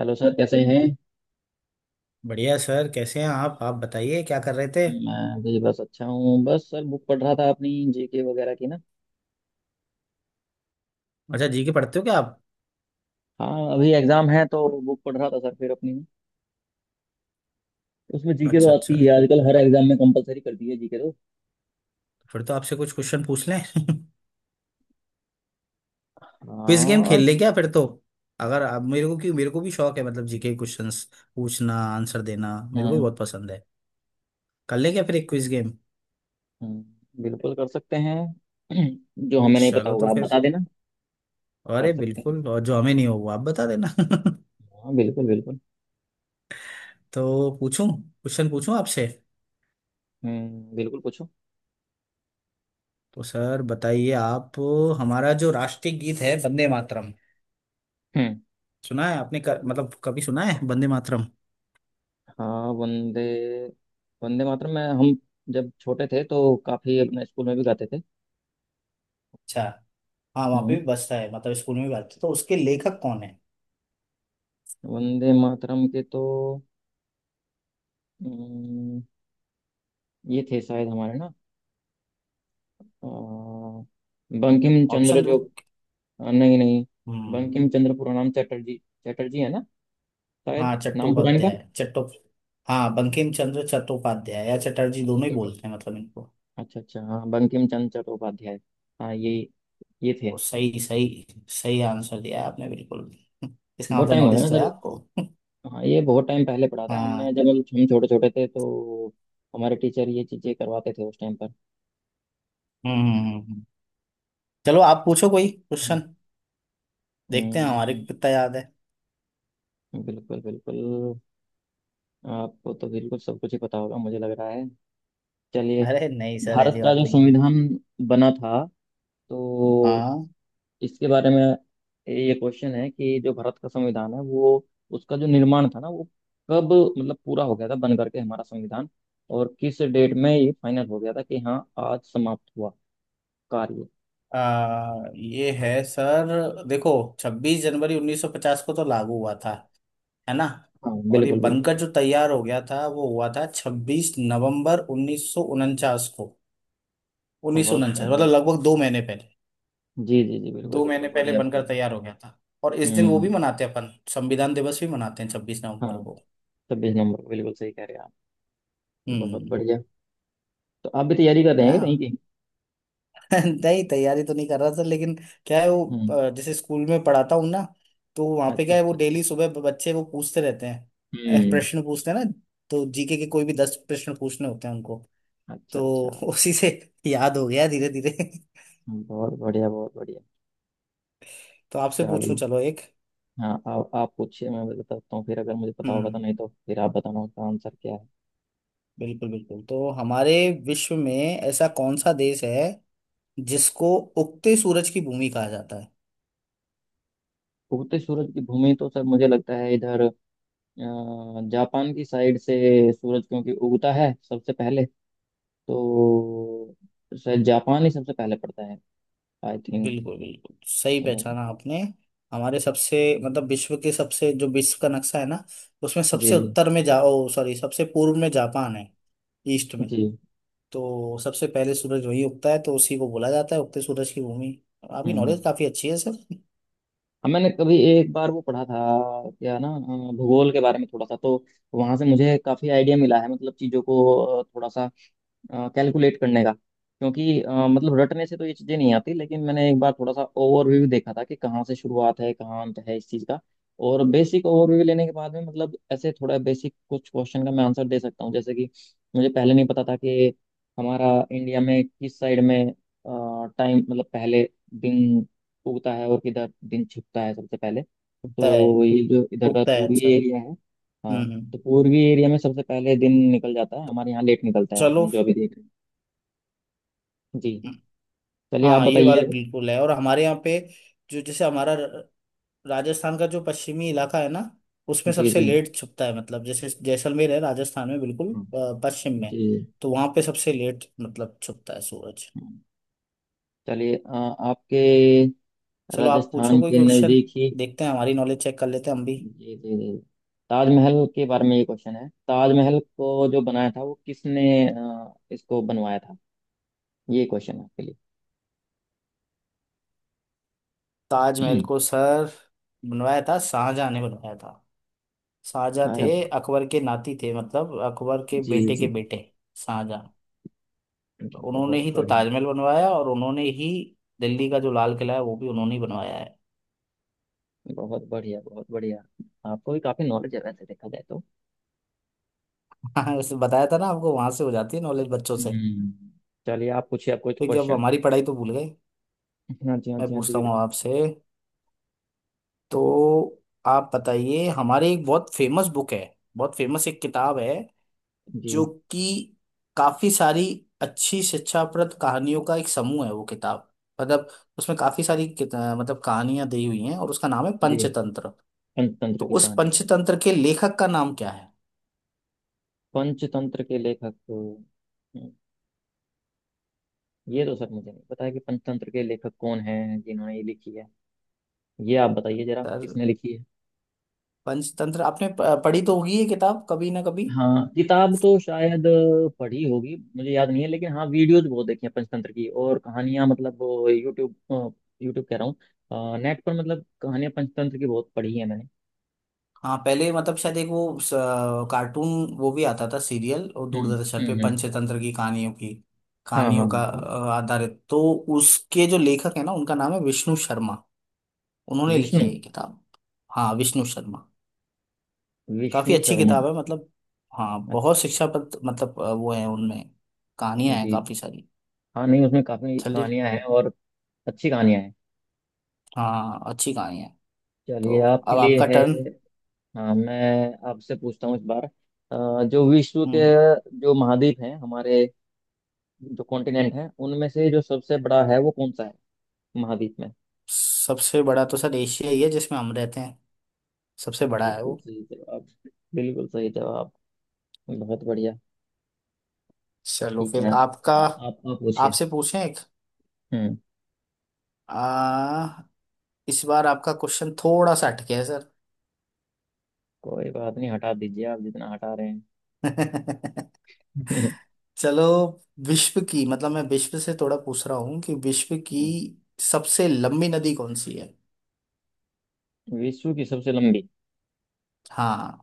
Hello sir, कैसे हैं। बढ़िया सर, कैसे हैं आप बताइए, क्या कर रहे थे? मैं भी बस अच्छा हूँ। बस सर बुक पढ़ रहा था अपनी, जीके वगैरह की ना। अच्छा, जी के पढ़ते हो क्या आप? हाँ, अभी एग्जाम है तो बुक पढ़ रहा था सर, फिर अपनी उसमें जीके तो अच्छा, आती अच्छा। है। आजकल हर एग्जाम में कंपलसरी कर दी है जीके तो। फिर तो आपसे कुछ क्वेश्चन पूछ लें। क्विज गेम खेल और लें क्या फिर तो? अगर आप मेरे को क्यों मेरे को भी शौक है, मतलब जीके क्वेश्चंस पूछना, आंसर देना हाँ मेरे को भी हाँ, बहुत पसंद है। कर लें क्या फिर एक क्विज गेम? बिल्कुल कर सकते हैं। जो हमें नहीं पता चलो तो होगा आप फिर। बता देना। कर अरे सकते हैं। बिल्कुल, और जो हमें नहीं हो वो आप बता देना। हाँ, बिल्कुल बिल्कुल। तो पूछूं, क्वेश्चन पूछूं आपसे। बिल्कुल पूछो। तो सर बताइए आप। हमारा जो राष्ट्रीय गीत है, वंदे मातरम। हम्म। सुना है आपने मतलब कभी सुना है वंदे मातरम? हाँ वंदे, वंदे मातरम में हम जब छोटे थे तो काफी अपने स्कूल में भी गाते थे। अच्छा। हाँ, वहाँ पे हम्म भी बसता है, मतलब स्कूल में भी बसता है। तो उसके लेखक कौन है? वंदे मातरम के तो अम्म, ये थे शायद हमारे ना, अ, बंकिम चंद्र ऑप्शन दूँ? जो। नहीं नहीं, हम्म। बंकिम चंद्र, पूरा नाम चटर्जी। चटर्जी है ना, हाँ, शायद नाम पूरा इनका। चट्टोपाध्याय, चट्टो। हाँ, बंकिम चंद्र चट्टोपाध्याय या चटर्जी अच्छा दोनों ही चटो। बोलते हैं, मतलब इनको। अच्छा अच्छा, हाँ बंकिम चंद्र चट्टोपाध्याय। हाँ, ये हम्म। ये थे तो शायद। सही, सही, सही आंसर दिया है आपने, बिल्कुल। इसका बहुत मतलब टाइम हो गया नॉलेज ना तो है सर। आपको। हाँ, ये बहुत टाइम पहले पढ़ा था हमने, हाँ। जब हम छोटे छोटे थे तो हमारे टीचर ये चीजें करवाते थे उस टाइम पर। हम्म, हम्म। चलो आप पूछो कोई क्वेश्चन। देखते हैं हमारे को अम्म, कितना याद है। बिल्कुल बिल्कुल। आपको तो बिल्कुल सब कुछ ही पता होगा, मुझे लग रहा है। चलिए, अरे नहीं सर, भारत ऐसी का बात जो नहीं है। संविधान बना था, तो हाँ। इसके बारे में ये क्वेश्चन है कि जो भारत का संविधान है, वो उसका जो निर्माण था ना, वो कब मतलब पूरा हो गया था बन करके, हमारा संविधान? और किस डेट में ये फाइनल हो गया था कि हाँ, आज समाप्त हुआ कार्य। ये है सर, देखो। 26 जनवरी 1950 को तो लागू हुआ था, है ना? हाँ और ये बिल्कुल बिल्कुल। बनकर जो तैयार हो गया था वो हुआ था 26 नवंबर 1949 को। उन्नीस सौ बहुत उनचास बढ़िया। मतलब लगभग 2 महीने पहले। जी जी जी, बिल्कुल दो बिल्कुल, महीने पहले बढ़िया बनकर बढ़िया। तैयार हो गया था। और इस दिन वो हम्म। भी मनाते हैं, अपन संविधान दिवस भी मनाते हैं छब्बीस हाँ, नवंबर को। 26 नंबर, बिल्कुल सही कह रहे हैं आप। बहुत हम्म। बढ़िया। तो आप भी तैयारी कर रहे हैं कहीं हाँ। की? नहीं, तैयारी तो नहीं कर रहा था, लेकिन क्या है वो, हम्म। जैसे स्कूल में पढ़ाता हूँ ना, तो वहाँ पे अच्छा क्या है वो, अच्छा। डेली सुबह बच्चे वो पूछते रहते हैं। हम्म। प्रश्न पूछते हैं ना, तो जीके के कोई भी 10 प्रश्न पूछने होते हैं। अच्छा तो अच्छा। उसी से याद हो गया धीरे धीरे। बहुत बढ़िया बहुत बढ़िया। तो आपसे पूछूं, चलिए, चलो एक। हाँ आप पूछिए, मैं बताता हूँ। फिर अगर मुझे पता होगा तो, हम्म, नहीं तो फिर आप बताना उसका आंसर क्या है। बिल्कुल बिल्कुल, तो हमारे विश्व में ऐसा कौन सा देश है जिसको उगते सूरज की भूमि कहा जाता है? उगते सूरज की भूमि तो सर मुझे लगता है इधर, जापान की साइड से सूरज क्योंकि उगता है सबसे पहले, तो शायद जापान ही सबसे पहले पड़ता है, आई थिंक। बिल्कुल बिल्कुल सही उधर ना। पहचाना आपने। हमारे सबसे, मतलब विश्व के सबसे, जो विश्व का नक्शा है ना, उसमें जी सबसे जी उत्तर में जा, ओ सॉरी, सबसे पूर्व में जापान है, ईस्ट में। जी। तो सबसे पहले सूरज वही उगता है, तो उसी को बोला जाता है उगते सूरज की भूमि। आपकी हम्म। नॉलेज काफी अच्छी है सर। अब मैंने कभी एक बार वो पढ़ा था क्या ना, भूगोल के बारे में थोड़ा सा, तो वहां से मुझे काफी आइडिया मिला है मतलब चीजों को, थोड़ा सा कैलकुलेट करने का। क्योंकि मतलब रटने से तो ये चीज़ें नहीं आती, लेकिन मैंने एक बार थोड़ा सा ओवरव्यू देखा था कि कहाँ से शुरुआत है, कहाँ अंत है इस चीज़ का। और बेसिक ओवरव्यू लेने के बाद में, मतलब ऐसे थोड़ा बेसिक कुछ क्वेश्चन का मैं आंसर दे सकता हूँ। जैसे कि मुझे पहले नहीं पता था कि हमारा इंडिया में किस साइड में टाइम मतलब पहले दिन उगता है और किधर दिन छिपता है सबसे पहले। उगता है। तो ये जो इधर का उगता है, पूर्वी अच्छा। एरिया है, हम्म, हाँ, तो पूर्वी एरिया में सबसे पहले दिन निकल जाता है। हमारे यहाँ लेट निकलता है चलो। हम जो अभी देख रहे हैं। जी। हम्म। चलिए आप हाँ, ये बताइए वाल अभी। बिल्कुल है, और हमारे यहाँ पे जो जैसे हमारा राजस्थान का जो पश्चिमी इलाका है ना, उसमें जी सबसे जी। लेट छुपता है, मतलब जैसे जैसलमेर है राजस्थान में, बिल्कुल। हम्म, पश्चिम जी। में, तो वहां पे सबसे लेट मतलब छुपता है सूरज। हम्म। चलिए, आपके चलो आप पूछो राजस्थान कोई के क्वेश्चन। नज़दीक ही। देखते हैं, हमारी नॉलेज चेक कर लेते हैं हम भी। जी जी जी। ताजमहल के बारे में ये क्वेश्चन है, ताजमहल को जो बनाया था वो किसने इसको बनवाया था? ये क्वेश्चन है आपके लिए। ताजमहल को सर बनवाया था, शाहजहां ने बनवाया था। शाहजहां अरे। थे अकबर के नाती, थे मतलब अकबर के जी बेटे के जी बेटे, शाहजहां। तो जी, उन्होंने बहुत ही तो बढ़िया। ताजमहल बनवाया, और उन्होंने ही दिल्ली का जो लाल किला है वो भी उन्होंने ही बनवाया है। बहुत बढ़िया बहुत बढ़िया। आपको भी काफ़ी नॉलेज है वैसे देखा जाए तो। हाँ, वैसे बताया था ना आपको, वहां से हो जाती है नॉलेज बच्चों से। हम्म। चलिए आप पूछिए आप कुछ फिर जब क्वेश्चन। हमारी पढ़ाई तो भूल गए। हाँ जी हाँ मैं जी हाँ जी, पूछता हूँ बिल्कुल। आपसे। तो आप बताइए, हमारी एक बहुत फेमस बुक है, बहुत फेमस एक किताब है, जो जी कि काफी सारी अच्छी शिक्षाप्रद कहानियों का एक समूह है, वो किताब, मतलब उसमें काफी सारी मतलब कहानियां दी हुई हैं, और उसका नाम है जी। पंचतंत्र। पंचतंत्र तो की उस कहानी। पंचतंत्र के लेखक का नाम क्या है? पंचतंत्र के लेखक, ये तो सर मुझे नहीं पता है कि पंचतंत्र के लेखक कौन हैं जिन्होंने ये लिखी है। ये आप बताइए जरा, सर, किसने लिखी है। पंचतंत्र आपने पढ़ी तो होगी ये किताब, कभी ना कभी। हाँ, किताब तो शायद पढ़ी होगी, मुझे याद नहीं है। लेकिन हाँ वीडियोज बहुत देखी हैं पंचतंत्र की, और कहानियां मतलब वो यूट्यूब, यूट्यूब कह रहा हूँ नेट पर, मतलब कहानियां पंचतंत्र की बहुत पढ़ी है मैंने। हाँ, पहले मतलब शायद एक वो कार्टून वो भी आता था, सीरियल और हम्म। दूरदर्शन पे हम्म। पंचतंत्र की कहानियों की, हाँ हाँ कहानियों का हाँ। आधारित तो, उसके जो लेखक है ना, उनका नाम है विष्णु शर्मा। उन्होंने लिखी विष्णु। है ये किताब। हाँ, विष्णु शर्मा। काफी विष्णु अच्छी शर्मा। किताब है, मतलब, हाँ, अच्छा बहुत अच्छा। शिक्षाप्रद, मतलब वो है उनमें, जी कहानियां हैं काफी जी। सारी। हाँ नहीं, उसमें काफी चलिए। कहानियां हैं, और अच्छी कहानियां हैं। हाँ, अच्छी कहानी है। चलिए तो आपके अब लिए आपका है। टर्न। हाँ मैं आपसे पूछता हूँ इस बार। जो विश्व के हम्म। जो महाद्वीप हैं हमारे, जो कॉन्टिनेंट हैं, उनमें से जो सबसे बड़ा है वो कौन सा है महाद्वीप में? सबसे बड़ा तो सर एशिया ही है, जिसमें हम रहते हैं। सबसे बड़ा है बिल्कुल वो। सही जवाब। बिल्कुल सही जवाब। बहुत बढ़िया। चलो ठीक फिर है, आपका। आप आप पूछिए। आपसे पूछें एक। हम्म। आ, इस बार आपका क्वेश्चन थोड़ा सा अटके है सर। कोई बात नहीं, हटा दीजिए आप जितना हटा रहे हैं। चलो, विश्व की, मतलब मैं विश्व से थोड़ा पूछ रहा हूँ, कि विश्व की सबसे लंबी नदी कौन सी है? विश्व की सबसे लंबी। हाँ।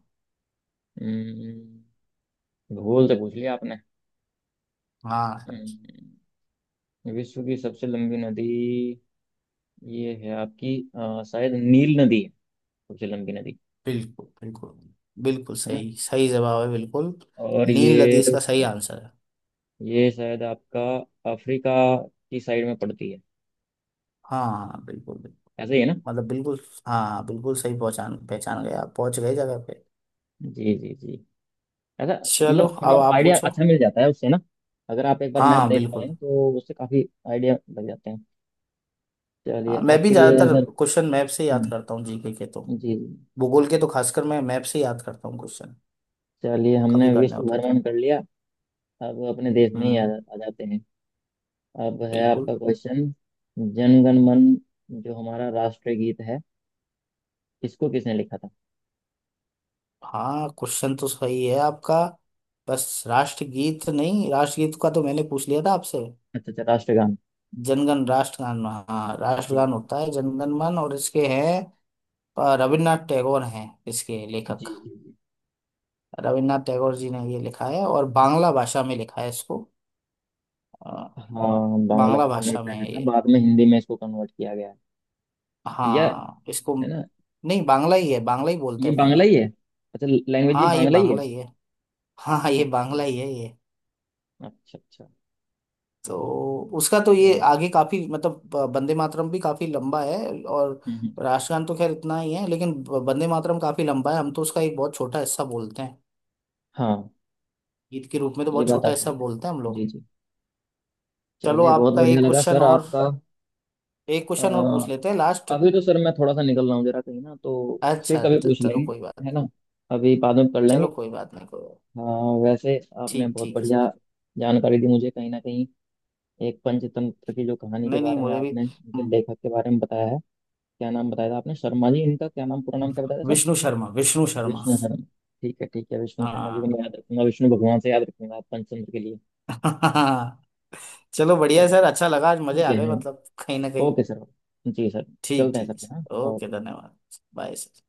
हम्म, भूल से पूछ लिया आपने। हाँ सर। हम्म, विश्व की सबसे लंबी नदी ये है आपकी, शायद नील नदी है, झेलम की नदी। बिल्कुल बिल्कुल। बिल्कुल है ना? सही सही जवाब है, बिल्कुल। और नील नदी ये इसका सही आंसर है। ये शायद आपका अफ्रीका की साइड में पड़ती है, हाँ हाँ, बिल्कुल बिल्कुल। ऐसे ही है ना? मतलब बिल्कुल। हाँ, बिल्कुल सही, पहचान पहचान गए आप, पहुंच गए जगह पे। जी जी जी। ऐसा चलो मतलब थोड़ा अब आप आइडिया पूछो। अच्छा मिल जाता है उससे ना। अगर आप एक बार मैप हाँ देख बिल्कुल। पाए तो उससे काफी आइडिया लग जाते हैं। हाँ, चलिए मैं भी आपके लिए ज्यादातर सर। क्वेश्चन मैप से याद हम्म, करता हूँ जीके के तो। जी जी। भूगोल के तो खासकर मैं मैप से याद करता हूँ क्वेश्चन। चलिए, हमने कभी करने विश्व होते भ्रमण तो। कर लिया, अब अपने देश में ही हम्म। आ जाते हैं। अब है बिल्कुल। आपका क्वेश्चन, जनगण मन जो हमारा राष्ट्रीय गीत है, इसको किसने लिखा था? हाँ, क्वेश्चन तो सही है आपका। बस राष्ट्रगीत नहीं, राष्ट्रगीत का तो मैंने पूछ लिया था आपसे। अच्छा अच्छा, राष्ट्रगान। जनगण, राष्ट्रगान, हाँ जी राष्ट्रगान होता है जनगण मन, और इसके हैं रविन्द्रनाथ टैगोर हैं इसके जी लेखक। जी जी। रविन्द्रनाथ टैगोर जी ने ये लिखा है, और बांग्ला भाषा में लिखा है इसको। अ, हाँ बांग्ला बांग्ला भाषा में ही भाषा में पहले है था, ये। बाद में हिंदी में इसको कन्वर्ट किया गया है। या, हाँ, इसको। है ना? नहीं, बांग्ला ही है, बांग्ला ही बोलते ये हैं अपन बांग्ला ही लोग। है? अच्छा, लैंग्वेज ये हाँ, ये बांग्ला ही है। बांग्ला ही है। हाँ हाँ, ये अच्छा, बांग्ला ही है ये। अच्छा अच्छा। तो उसका तो ये चलो। आगे काफी, मतलब वंदे मातरम भी काफी लंबा है। और हम्म हम्म। राष्ट्रगान तो खैर इतना ही है, लेकिन वंदे मातरम काफी लंबा है, हम तो उसका एक बहुत छोटा हिस्सा बोलते हैं। हाँ गीत के रूप में तो ये बहुत बात छोटा आप सही हिस्सा कह। बोलते हैं हम जी लोग। जी। चलो चलिए, बहुत आपका बढ़िया एक लगा क्वेश्चन सर और, आपका। एक अ, क्वेश्चन और पूछ लेते हैं लास्ट। अभी तो सर मैं थोड़ा सा निकल रहा हूँ जरा कहीं ना, तो अच्छा फिर कभी अच्छा, पूछ चलो लेंगे। कोई बात। है ना? अभी बाद में कर चलो लेंगे। कोई बात नहीं, कोई बात। हाँ वैसे, आपने ठीक बहुत ठीक है बढ़िया सर। जानकारी दी मुझे कहीं ना कहीं, एक पंचतंत्र की जो कहानी के नहीं नहीं, बारे में मुझे भी। आपने उनके हम्म। लेखक के बारे में बताया है। क्या नाम बताया था आपने, शर्मा जी इनका क्या नाम, पूरा नाम क्या बताया था सर? विष्णु शर्मा, विष्णु शर्मा। विष्णु शर्मा। ठीक है ठीक है, विष्णु शर्मा जी को हाँ। मैं याद रखूंगा, विष्णु भगवान से याद रखूंगा पंचतंत्र के लिए। चलो बढ़िया है चलिए, सर, अच्छा लगा आज, मजे ठीक आ है, गए हाँ। मतलब कहीं ना कहीं। Okay sir. जी सर। ठीक चलते हैं ठीक है सर, हाँ। Sir, okay, okay. धन्यवाद। Bye sir.